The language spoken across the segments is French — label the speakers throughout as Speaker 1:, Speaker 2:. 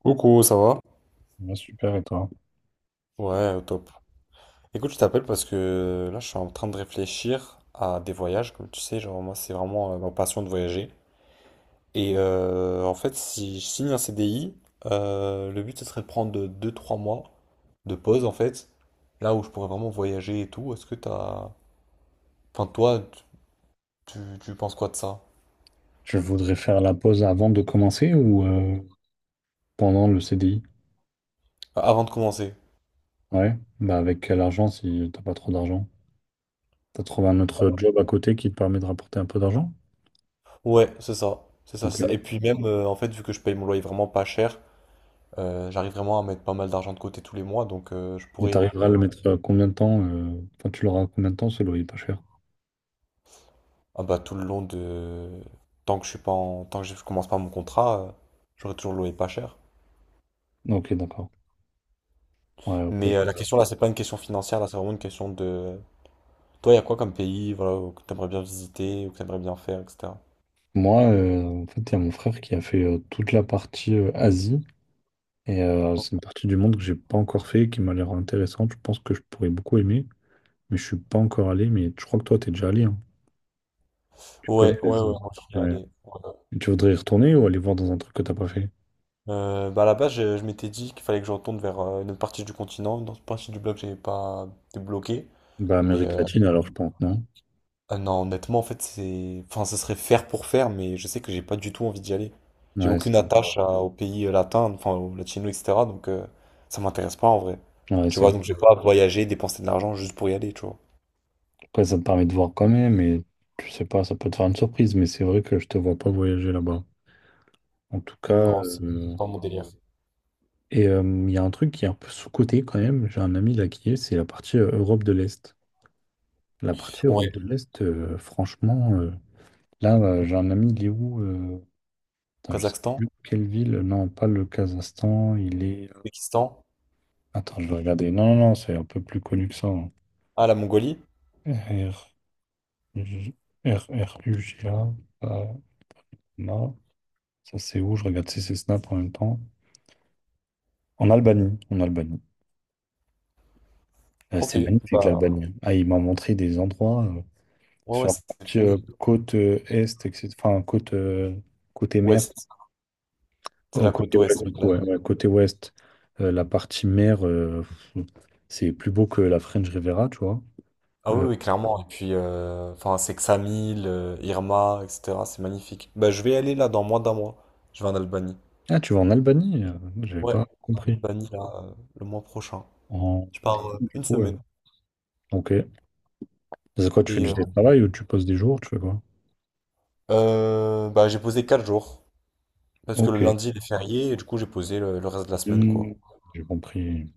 Speaker 1: Coucou, ça va?
Speaker 2: Ouais, super, et toi?
Speaker 1: Ouais, au top. Écoute, je t'appelle parce que là, je suis en train de réfléchir à des voyages, comme tu sais, genre moi, c'est vraiment ma passion de voyager. Et en fait, si je signe un CDI, le but, ce serait de prendre deux, trois mois de pause, en fait, là où je pourrais vraiment voyager et tout. Est-ce que t'as... Enfin, toi, tu, tu penses quoi de ça?
Speaker 2: Tu voudrais faire la pause avant de commencer ou pendant le CDI?
Speaker 1: Avant de commencer.
Speaker 2: Ouais, bah avec quel argent si t'as pas trop d'argent? T'as trouvé un autre job à côté qui te permet de rapporter un peu d'argent?
Speaker 1: Ouais, c'est ça. C'est ça,
Speaker 2: Ok.
Speaker 1: c'est ça. Et puis même, en fait, vu que je paye mon loyer vraiment pas cher, j'arrive vraiment à mettre pas mal d'argent de côté tous les mois, donc je
Speaker 2: Et
Speaker 1: pourrais
Speaker 2: t'arriveras à le mettre à combien de temps? Enfin, tu l'auras à combien de temps ce loyer pas cher?
Speaker 1: Ah bah tout le long de, tant que je suis pas en... tant que je commence pas mon contrat, j'aurai toujours loué pas cher.
Speaker 2: Ok, d'accord. Ouais, ok.
Speaker 1: Mais ouais, la question là, c'est pas une question financière, là, c'est vraiment une question de toi, il y a quoi comme pays, voilà, que t'aimerais bien visiter ou que t'aimerais bien faire, etc.
Speaker 2: Moi, en fait, il y a mon frère qui a fait toute la partie Asie. Et c'est une partie du monde que j'ai pas encore fait, qui m'a l'air intéressante. Je pense que je pourrais beaucoup aimer, mais je suis pas encore allé. Mais je crois que toi, t'es déjà allé, hein. Tu connais,
Speaker 1: Ouais, ouais, ouais,
Speaker 2: vas-y.
Speaker 1: moi je voulais
Speaker 2: Ouais.
Speaker 1: aller, voilà.
Speaker 2: Et tu voudrais y retourner ou aller voir dans un truc que t'as pas fait?
Speaker 1: Bah à la base, je m'étais dit qu'il fallait que je retourne vers une autre partie du continent, une autre partie du bloc, que j'avais pas débloqué.
Speaker 2: Bah,
Speaker 1: Mais
Speaker 2: Amérique latine, alors, je pense, non?
Speaker 1: ah non, honnêtement, en fait, c'est... Enfin, ce serait faire pour faire, mais je sais que j'ai pas du tout envie d'y aller. J'ai
Speaker 2: Ouais, c'est
Speaker 1: aucune attache au pays latin, enfin, au latino, etc. Donc, ça m'intéresse pas en vrai.
Speaker 2: ouais,
Speaker 1: Tu
Speaker 2: c'est
Speaker 1: vois,
Speaker 2: vrai.
Speaker 1: donc je vais pas voyager, dépenser de l'argent juste pour y aller, tu vois.
Speaker 2: Après, ça te permet de voir quand même, et tu sais pas, ça peut te faire une surprise, mais c'est vrai que je te vois pas voyager là-bas. En tout cas,
Speaker 1: Non, c'est
Speaker 2: euh,
Speaker 1: pas mon délire.
Speaker 2: et euh, il y a un truc qui est un peu sous-coté quand même. J'ai un ami là qui est, c'est la partie Europe de l'Est. La partie Europe
Speaker 1: Ouais,
Speaker 2: de l'Est, franchement, j'ai un ami, il est où? Putain, je sais
Speaker 1: Kazakhstan,
Speaker 2: plus quelle ville. Non, pas le Kazakhstan, il est.
Speaker 1: Pakistan,
Speaker 2: Attends, je vais regarder. Non, non, non, c'est un peu plus connu que ça, hein.
Speaker 1: ah, la Mongolie.
Speaker 2: R, J- R, R, U, G, A. euh, non. Ça, c'est où? Je regarde si c'est Snap en même temps. En Albanie. En Albanie.
Speaker 1: Ok,
Speaker 2: C'est magnifique,
Speaker 1: bah,
Speaker 2: l'Albanie. Ah, il m'a montré des endroits
Speaker 1: ouais,
Speaker 2: sur
Speaker 1: ouais,
Speaker 2: la
Speaker 1: c'est
Speaker 2: partie côte est, etc. Enfin, côte, côté mer.
Speaker 1: ouest, c'est
Speaker 2: Au
Speaker 1: la côte
Speaker 2: côté ouest,
Speaker 1: ouest, ouais,
Speaker 2: du
Speaker 1: de la
Speaker 2: coup, ouais, ouais,
Speaker 1: Mongolie.
Speaker 2: côté ouest. La partie mer, pff, c'est plus beau que la French Riviera, tu vois.
Speaker 1: Ah
Speaker 2: Euh,
Speaker 1: oui, oui, clairement. Et puis, enfin, c'est Ksamil, Irma, etc. C'est magnifique. Bah, je vais aller là dans moins d'un mois. Je vais en Albanie.
Speaker 2: ah, tu vas en Albanie? J'avais
Speaker 1: Ouais,
Speaker 2: pas compris.
Speaker 1: Albanie là, le mois prochain.
Speaker 2: En
Speaker 1: Je pars
Speaker 2: Du
Speaker 1: une
Speaker 2: coup, ouais.
Speaker 1: semaine.
Speaker 2: Ok. C'est quoi, tu fais
Speaker 1: Et
Speaker 2: du télétravail ou tu poses des jours, tu fais quoi?
Speaker 1: bah, j'ai posé 4 jours. Parce que le
Speaker 2: Ok.
Speaker 1: lundi il est férié et du coup j'ai posé le reste de la semaine quoi.
Speaker 2: Hmm, j'ai compris.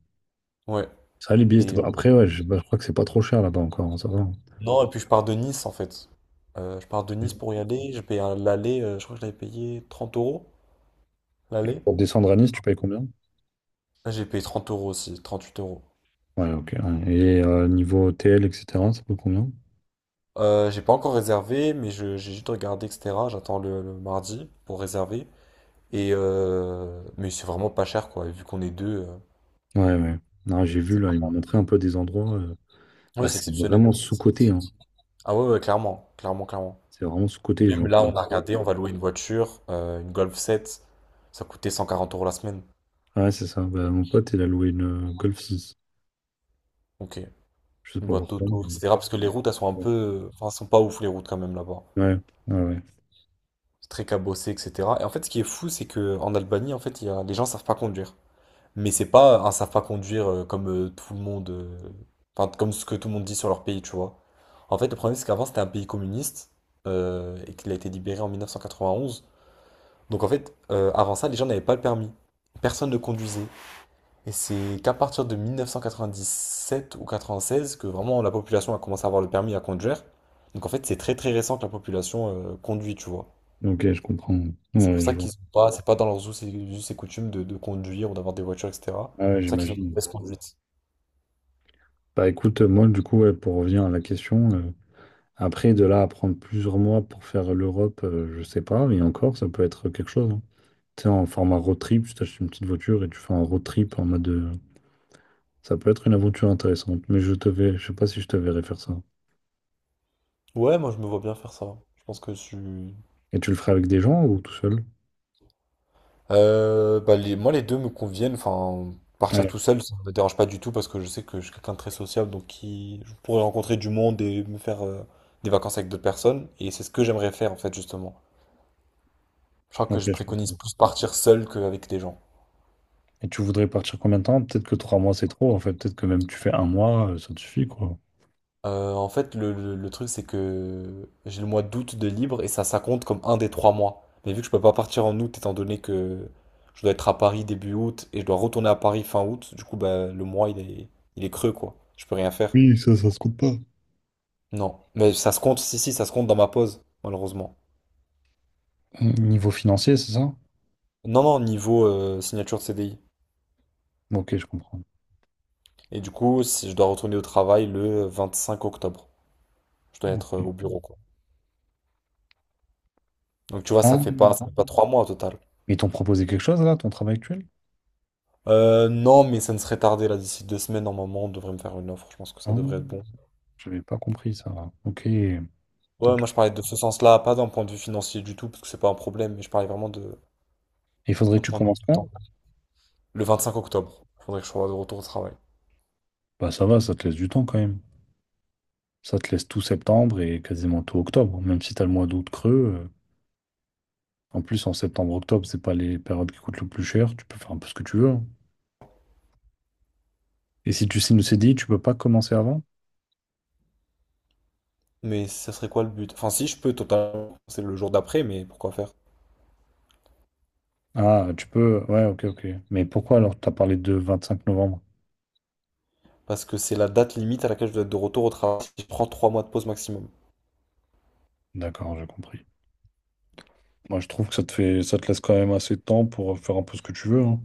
Speaker 1: Ouais.
Speaker 2: Ça, les billets, c'était
Speaker 1: Et
Speaker 2: pas- après, je crois que c'est pas trop cher là-bas encore, hein, ça va.
Speaker 1: non, et puis je pars de Nice en fait. Je pars de Nice
Speaker 2: Ok.
Speaker 1: pour y aller. J'ai payé l'aller, je crois que j'avais payé 30 €
Speaker 2: Et
Speaker 1: l'aller.
Speaker 2: pour descendre à Nice, tu payes combien?
Speaker 1: Ah, j'ai payé 30 € aussi, trente-huit euros.
Speaker 2: Ouais, ok, ouais. Et niveau hôtel, etc., ça coûte combien?
Speaker 1: J'ai pas encore réservé, mais j'ai juste regardé, etc. J'attends le mardi pour réserver. Et mais c'est vraiment pas cher quoi. Et vu qu'on est deux,
Speaker 2: Ouais, ouais. Non, j'ai vu là, ils
Speaker 1: ça...
Speaker 2: m'ont montré un peu des endroits.
Speaker 1: Ah oui,
Speaker 2: Bah,
Speaker 1: c'est
Speaker 2: c'est
Speaker 1: exceptionnel.
Speaker 2: vraiment
Speaker 1: C'est
Speaker 2: sous-coté, hein.
Speaker 1: magnifique. Ah ouais, ouais, clairement, clairement, clairement.
Speaker 2: C'est vraiment sous-coté, les gens
Speaker 1: Même
Speaker 2: qui
Speaker 1: là,
Speaker 2: disent
Speaker 1: on a
Speaker 2: ça.
Speaker 1: regardé, on va louer une voiture, une Golf 7. Ça coûtait 140 € la semaine.
Speaker 2: Ouais, c'est ça. Bah, mon pote, il a loué une Golf six.
Speaker 1: Ok.
Speaker 2: Je sais
Speaker 1: Une
Speaker 2: pas
Speaker 1: boîte
Speaker 2: pourquoi,
Speaker 1: auto, etc. Parce que les routes, elles sont un
Speaker 2: ouais,
Speaker 1: peu... Enfin, elles sont pas ouf, les routes, quand même, là-bas.
Speaker 2: ouais, ouais, ouais.
Speaker 1: C'est très cabossé, etc. Et en fait, ce qui est fou, c'est que en Albanie, en fait, il y a... les gens savent pas conduire. Mais c'est pas un savent pas conduire comme tout le monde... enfin, comme ce que tout le monde dit sur leur pays, tu vois. En fait, le problème, c'est qu'avant, c'était un pays communiste et qu'il a été libéré en 1991. Donc en fait, avant ça, les gens n'avaient pas le permis. Personne ne conduisait. Et c'est qu'à partir de 1997 ou 96 que vraiment la population a commencé à avoir le permis à conduire. Donc en fait, c'est très très récent que la population conduit, tu vois.
Speaker 2: Ok, je comprends.
Speaker 1: Et c'est
Speaker 2: Ouais,
Speaker 1: pour
Speaker 2: ouais, je
Speaker 1: ça
Speaker 2: vois.
Speaker 1: qu'ils ont pas, c'est pas dans leurs us et coutumes de conduire ou d'avoir des voitures, etc.
Speaker 2: Ah
Speaker 1: C'est
Speaker 2: ouais,
Speaker 1: pour ça qu'ils ont une
Speaker 2: j'imagine.
Speaker 1: mauvaise conduite.
Speaker 2: Bah écoute, moi du coup, ouais, pour revenir à la question, après de là à prendre plusieurs mois pour faire l'Europe, je sais pas, mais encore, ça peut être quelque chose, hein. Tu sais, en format road trip, tu t'achètes une petite voiture et tu fais un road trip en mode, ça peut être une aventure intéressante, mais je sais pas si je te verrai faire ça.
Speaker 1: Ouais, moi je me vois bien faire ça. Je pense que je suis...
Speaker 2: Et tu le ferais avec des gens ou tout seul?
Speaker 1: Bah les, moi les deux me conviennent. Enfin, partir
Speaker 2: Ouais,
Speaker 1: tout seul, ça me dérange pas du tout parce que je sais que je suis quelqu'un de très sociable, donc qui, je pourrais rencontrer du monde et me faire des vacances avec d'autres personnes. Et c'est ce que j'aimerais faire en fait justement. Je crois que
Speaker 2: ok,
Speaker 1: je
Speaker 2: je
Speaker 1: préconise
Speaker 2: comprends.
Speaker 1: plus partir seul qu'avec des gens.
Speaker 2: Et tu voudrais partir combien de temps? Peut-être que trois mois c'est trop, en fait. Peut-être que même tu fais un mois, ça te suffit, quoi.
Speaker 1: En fait, le truc c'est que j'ai le mois d'août de libre et ça compte comme un des trois mois. Mais vu que je peux pas partir en août étant donné que je dois être à Paris début août et je dois retourner à Paris fin août, du coup bah le mois il est creux quoi. Je peux rien faire.
Speaker 2: Oui, ça se compte pas.
Speaker 1: Non, mais ça se compte, si, si, ça se compte dans ma pause, malheureusement.
Speaker 2: Niveau financier, c'est ça?
Speaker 1: Non, non, niveau signature de CDI.
Speaker 2: Ok, je comprends.
Speaker 1: Et du coup, si je dois retourner au travail le 25 octobre, je dois être
Speaker 2: Ok.
Speaker 1: au bureau, quoi. Donc tu vois,
Speaker 2: Ah,
Speaker 1: ça fait pas 3 mois au total.
Speaker 2: ils t'ont proposé quelque chose là, ton travail actuel?
Speaker 1: Non, mais ça ne serait tardé, là, d'ici 2 semaines, normalement, on devrait me faire une offre. Je pense que ça devrait être
Speaker 2: Ah,
Speaker 1: bon.
Speaker 2: j'avais pas compris ça. Ok.
Speaker 1: Ouais, moi je parlais de ce sens-là, pas d'un point de vue financier du tout, parce que c'est pas un problème, mais je parlais vraiment
Speaker 2: Il faudrait
Speaker 1: d'un
Speaker 2: que tu
Speaker 1: point de vue
Speaker 2: commences
Speaker 1: du
Speaker 2: quand?
Speaker 1: temps. Le 25 octobre, faudrait que je sois de retour au travail.
Speaker 2: Bah ça va, ça te laisse du temps quand même. Ça te laisse tout septembre et quasiment tout octobre. Même si t'as le mois d'août creux, en plus, en septembre-octobre, c'est pas les périodes qui coûtent le plus cher. Tu peux faire un peu ce que tu veux, hein. Et si tu signes le CDI, tu peux pas commencer avant?
Speaker 1: Mais ça serait quoi le but? Enfin, si je peux totalement, c'est le jour d'après, mais pourquoi faire?
Speaker 2: Ah, tu peux. Ouais, ok, ok. Mais pourquoi alors t'as parlé de 25 novembre?
Speaker 1: Parce que c'est la date limite à laquelle je dois être de retour au travail si je prends 3 mois de pause maximum.
Speaker 2: D'accord, j'ai compris. Moi, je trouve que ça te laisse quand même assez de temps pour faire un peu ce que tu veux, hein.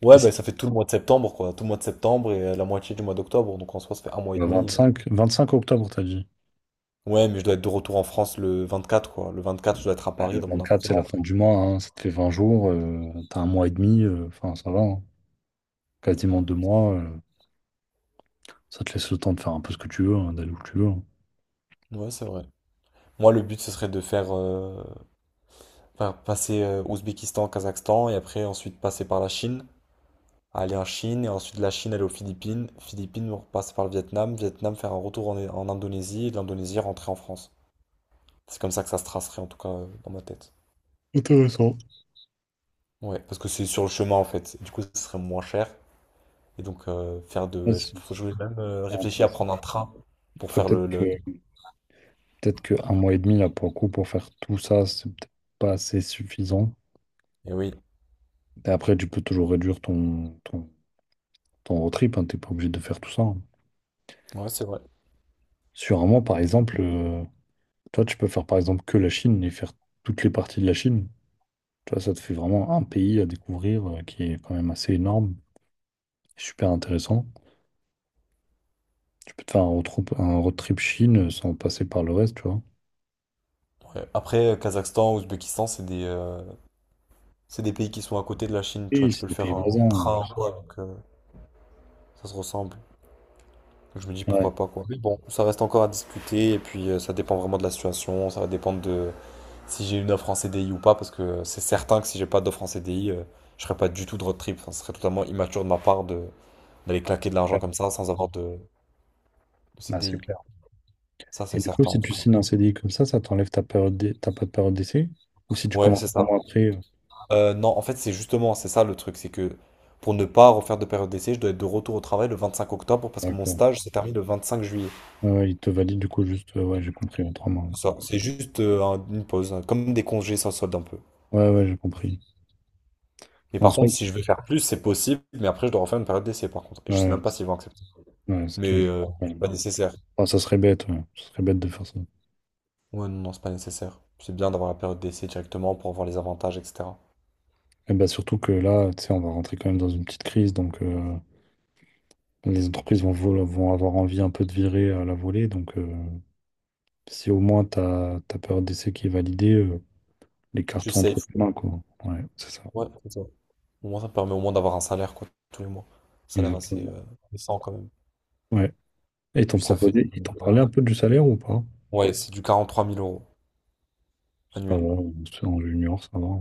Speaker 1: Ouais,
Speaker 2: Et
Speaker 1: bah ça fait tout le mois de septembre, quoi. Tout le mois de septembre et la moitié du mois d'octobre. Donc en soi, ça fait un mois et
Speaker 2: Le
Speaker 1: demi.
Speaker 2: 25, 25 octobre, t'as dit.
Speaker 1: Ouais, mais je dois être de retour en France le 24, quoi. Le 24, je dois être à
Speaker 2: Ah,
Speaker 1: Paris
Speaker 2: le
Speaker 1: dans mon
Speaker 2: 24, c'est la
Speaker 1: appartement.
Speaker 2: fin du mois, hein, ça te fait 20 jours, t'as un mois et demi, enfin ça va, hein, quasiment deux mois, ça te laisse le temps de faire un peu ce que tu veux, hein, d'aller où tu veux, hein.
Speaker 1: Ouais, c'est vrai. Moi, le but, ce serait de faire faire passer Ouzbékistan, Kazakhstan et après, ensuite, passer par la Chine. Aller en Chine et ensuite de la Chine aller aux Philippines. Philippines, passer par le Vietnam. Vietnam, faire un retour en Indonésie et de l'Indonésie, rentrer en France. C'est comme ça que ça se tracerait, en tout cas, dans ma tête.
Speaker 2: Intéressant.
Speaker 1: Ouais, parce que c'est sur le chemin en fait. Du coup, ce serait moins cher. Et donc, faire de...
Speaker 2: Ouais,
Speaker 1: ouais, je,
Speaker 2: c'est
Speaker 1: je voulais même
Speaker 2: super
Speaker 1: réfléchir à
Speaker 2: intéressant.
Speaker 1: prendre un train pour
Speaker 2: Après,
Speaker 1: faire le...
Speaker 2: peut-être que un mois et demi, là, pour le coup, pour faire tout ça, c'est peut-être pas assez suffisant.
Speaker 1: Et oui,
Speaker 2: Et après, tu peux toujours réduire ton road trip, hein, t'es pas obligé de faire tout ça, hein.
Speaker 1: ouais, c'est vrai.
Speaker 2: Sur un mois, par exemple, toi, tu peux faire par exemple que la Chine et faire toutes les parties de la Chine. Tu vois, ça te fait vraiment un pays à découvrir qui est quand même assez énorme, super intéressant. Tu peux te faire un road trip Chine sans passer par le reste, tu vois.
Speaker 1: Ouais. Après, Kazakhstan, Ouzbékistan, c'est des pays qui sont à côté de la Chine. Tu vois,
Speaker 2: Oui,
Speaker 1: tu peux
Speaker 2: c'est
Speaker 1: le
Speaker 2: des pays
Speaker 1: faire en
Speaker 2: voisins.
Speaker 1: train
Speaker 2: Je
Speaker 1: quoi. Donc, ça se ressemble. Donc, je me dis
Speaker 2: ouais,
Speaker 1: pourquoi pas quoi. Mais bon, ça reste encore à discuter. Et puis, ça dépend vraiment de la situation. Ça va dépendre de... si j'ai une offre en CDI ou pas, parce que c'est certain que si j'ai pas d'offre en CDI, je ferai pas du tout de road trip. Enfin, ce serait totalement immature de ma part de d'aller claquer de l'argent
Speaker 2: ouais,
Speaker 1: comme ça sans avoir de
Speaker 2: bah, c'est
Speaker 1: CDI.
Speaker 2: clair.
Speaker 1: Ça,
Speaker 2: Et
Speaker 1: c'est
Speaker 2: du coup,
Speaker 1: certain en
Speaker 2: si tu
Speaker 1: tout cas.
Speaker 2: signes un CDI comme ça t'enlève ta période t'as pas de période d'essai? Ou si tu
Speaker 1: Ouais, c'est
Speaker 2: commences trois
Speaker 1: ça.
Speaker 2: mois après,
Speaker 1: Non, en fait, c'est justement, c'est ça le truc, c'est que pour ne pas refaire de période d'essai, je dois être de retour au travail le 25 octobre parce que mon
Speaker 2: d'accord.
Speaker 1: stage s'est terminé le 25 juillet.
Speaker 2: Ouais, ouais, il te valide du coup juste, ouais, j'ai compris, ouais, trois mois.
Speaker 1: C'est ça. C'est juste une pause, hein, comme des congés sans solde un peu.
Speaker 2: Ouais, ouais, j'ai compris.
Speaker 1: Mais
Speaker 2: En
Speaker 1: par contre,
Speaker 2: soit,
Speaker 1: si je veux faire plus, c'est possible, mais après, je dois refaire une période d'essai par contre. Et je sais même pas
Speaker 2: ouais,
Speaker 1: s'ils vont accepter.
Speaker 2: ouais, ce qui
Speaker 1: Mais
Speaker 2: est... ouais.
Speaker 1: c'est pas nécessaire.
Speaker 2: Enfin, ça serait bête, ouais. Ça serait bête de faire ça.
Speaker 1: Ouais, non, non, c'est pas nécessaire. C'est bien d'avoir la période d'essai directement pour voir les avantages, etc.
Speaker 2: Et bah surtout que là, tu sais, on va rentrer quand même dans une petite crise, donc les entreprises vont avoir envie un peu de virer à la volée. Donc si au moins ta période d'essai qui est validée, les cartes
Speaker 1: Tu
Speaker 2: sont
Speaker 1: sais,
Speaker 2: entre tes mains, quoi. Ouais, c'est ça.
Speaker 1: ouais, c'est ça. Au moins, ça permet au moins d'avoir un salaire, quoi, tous les mois. Un salaire assez
Speaker 2: Exactement.
Speaker 1: décent, quand même.
Speaker 2: Ouais. Et ils t'ont
Speaker 1: Puis ça fait,
Speaker 2: proposé, ils t'ont parlé un peu du salaire ou pas?
Speaker 1: ouais, c'est du 43 000 €
Speaker 2: Ça
Speaker 1: annuel.
Speaker 2: va, c'est en junior, ça va.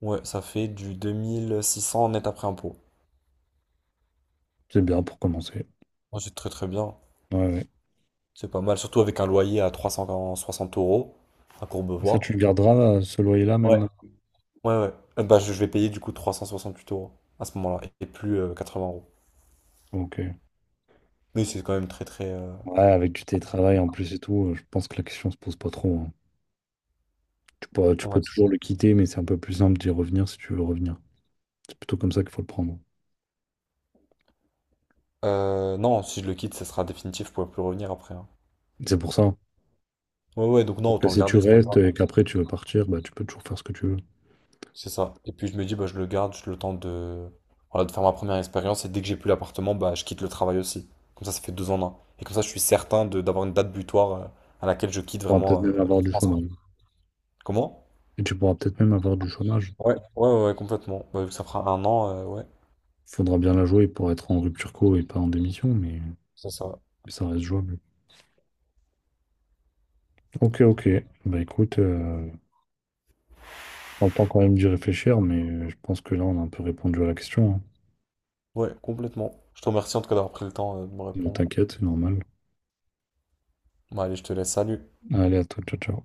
Speaker 1: Ouais, ça fait du 2 600 net après impôt.
Speaker 2: C'est bien pour commencer.
Speaker 1: Ouais, c'est très très bien.
Speaker 2: Ouais, ouais.
Speaker 1: C'est pas mal, surtout avec un loyer à 360 € à
Speaker 2: Et ça, tu le
Speaker 1: Courbevoie.
Speaker 2: garderas, ce loyer-là
Speaker 1: Ouais,
Speaker 2: même?
Speaker 1: ouais, ouais. Bah, je vais payer du coup 368 € à ce moment-là et plus 80 euros.
Speaker 2: Ok.
Speaker 1: Mais c'est quand même très très...
Speaker 2: Ouais, avec du télétravail en plus et tout, je pense que la question se pose pas trop, hein. Tu
Speaker 1: ouais.
Speaker 2: peux toujours le quitter, mais c'est un peu plus simple d'y revenir si tu veux revenir. C'est plutôt comme ça qu'il faut le prendre.
Speaker 1: Non, si je le quitte, ça sera définitif, je pourrai plus revenir après, hein.
Speaker 2: C'est pour ça. Alors
Speaker 1: Ouais, ouais, donc non,
Speaker 2: que
Speaker 1: autant le
Speaker 2: si tu
Speaker 1: garder, c'est pas
Speaker 2: restes
Speaker 1: grave.
Speaker 2: et qu'après tu veux partir, bah, tu peux toujours faire ce que tu veux. Tu
Speaker 1: C'est ça. Et puis je me dis, bah, je le garde, je le temps de... Voilà, de faire ma première expérience, et dès que j'ai plus l'appartement, bah, je quitte le travail aussi. Comme ça fait deux en un. Et comme ça, je suis certain de d'avoir une date butoir à laquelle je quitte
Speaker 2: pourras peut-être
Speaker 1: vraiment...
Speaker 2: même avoir
Speaker 1: je
Speaker 2: du
Speaker 1: pense.
Speaker 2: chômage.
Speaker 1: Comment?
Speaker 2: Et tu pourras peut-être même avoir du chômage.
Speaker 1: Ouais, ouais, ouais, complètement. Bah, vu que ça fera un an, ouais,
Speaker 2: Il faudra bien la jouer pour être en rupture co et pas en démission,
Speaker 1: c'est ça.
Speaker 2: mais ça reste jouable. Ok, ok. Bah écoute, prends le temps quand même d'y réfléchir, mais je pense que là, on a un peu répondu à la question, hein.
Speaker 1: Ouais, complètement. Je te remercie en tout cas d'avoir pris le temps de me
Speaker 2: Ne
Speaker 1: répondre.
Speaker 2: t'inquiète, c'est normal.
Speaker 1: Bon, allez, je te laisse, salut.
Speaker 2: Allez, à toi, ciao, ciao.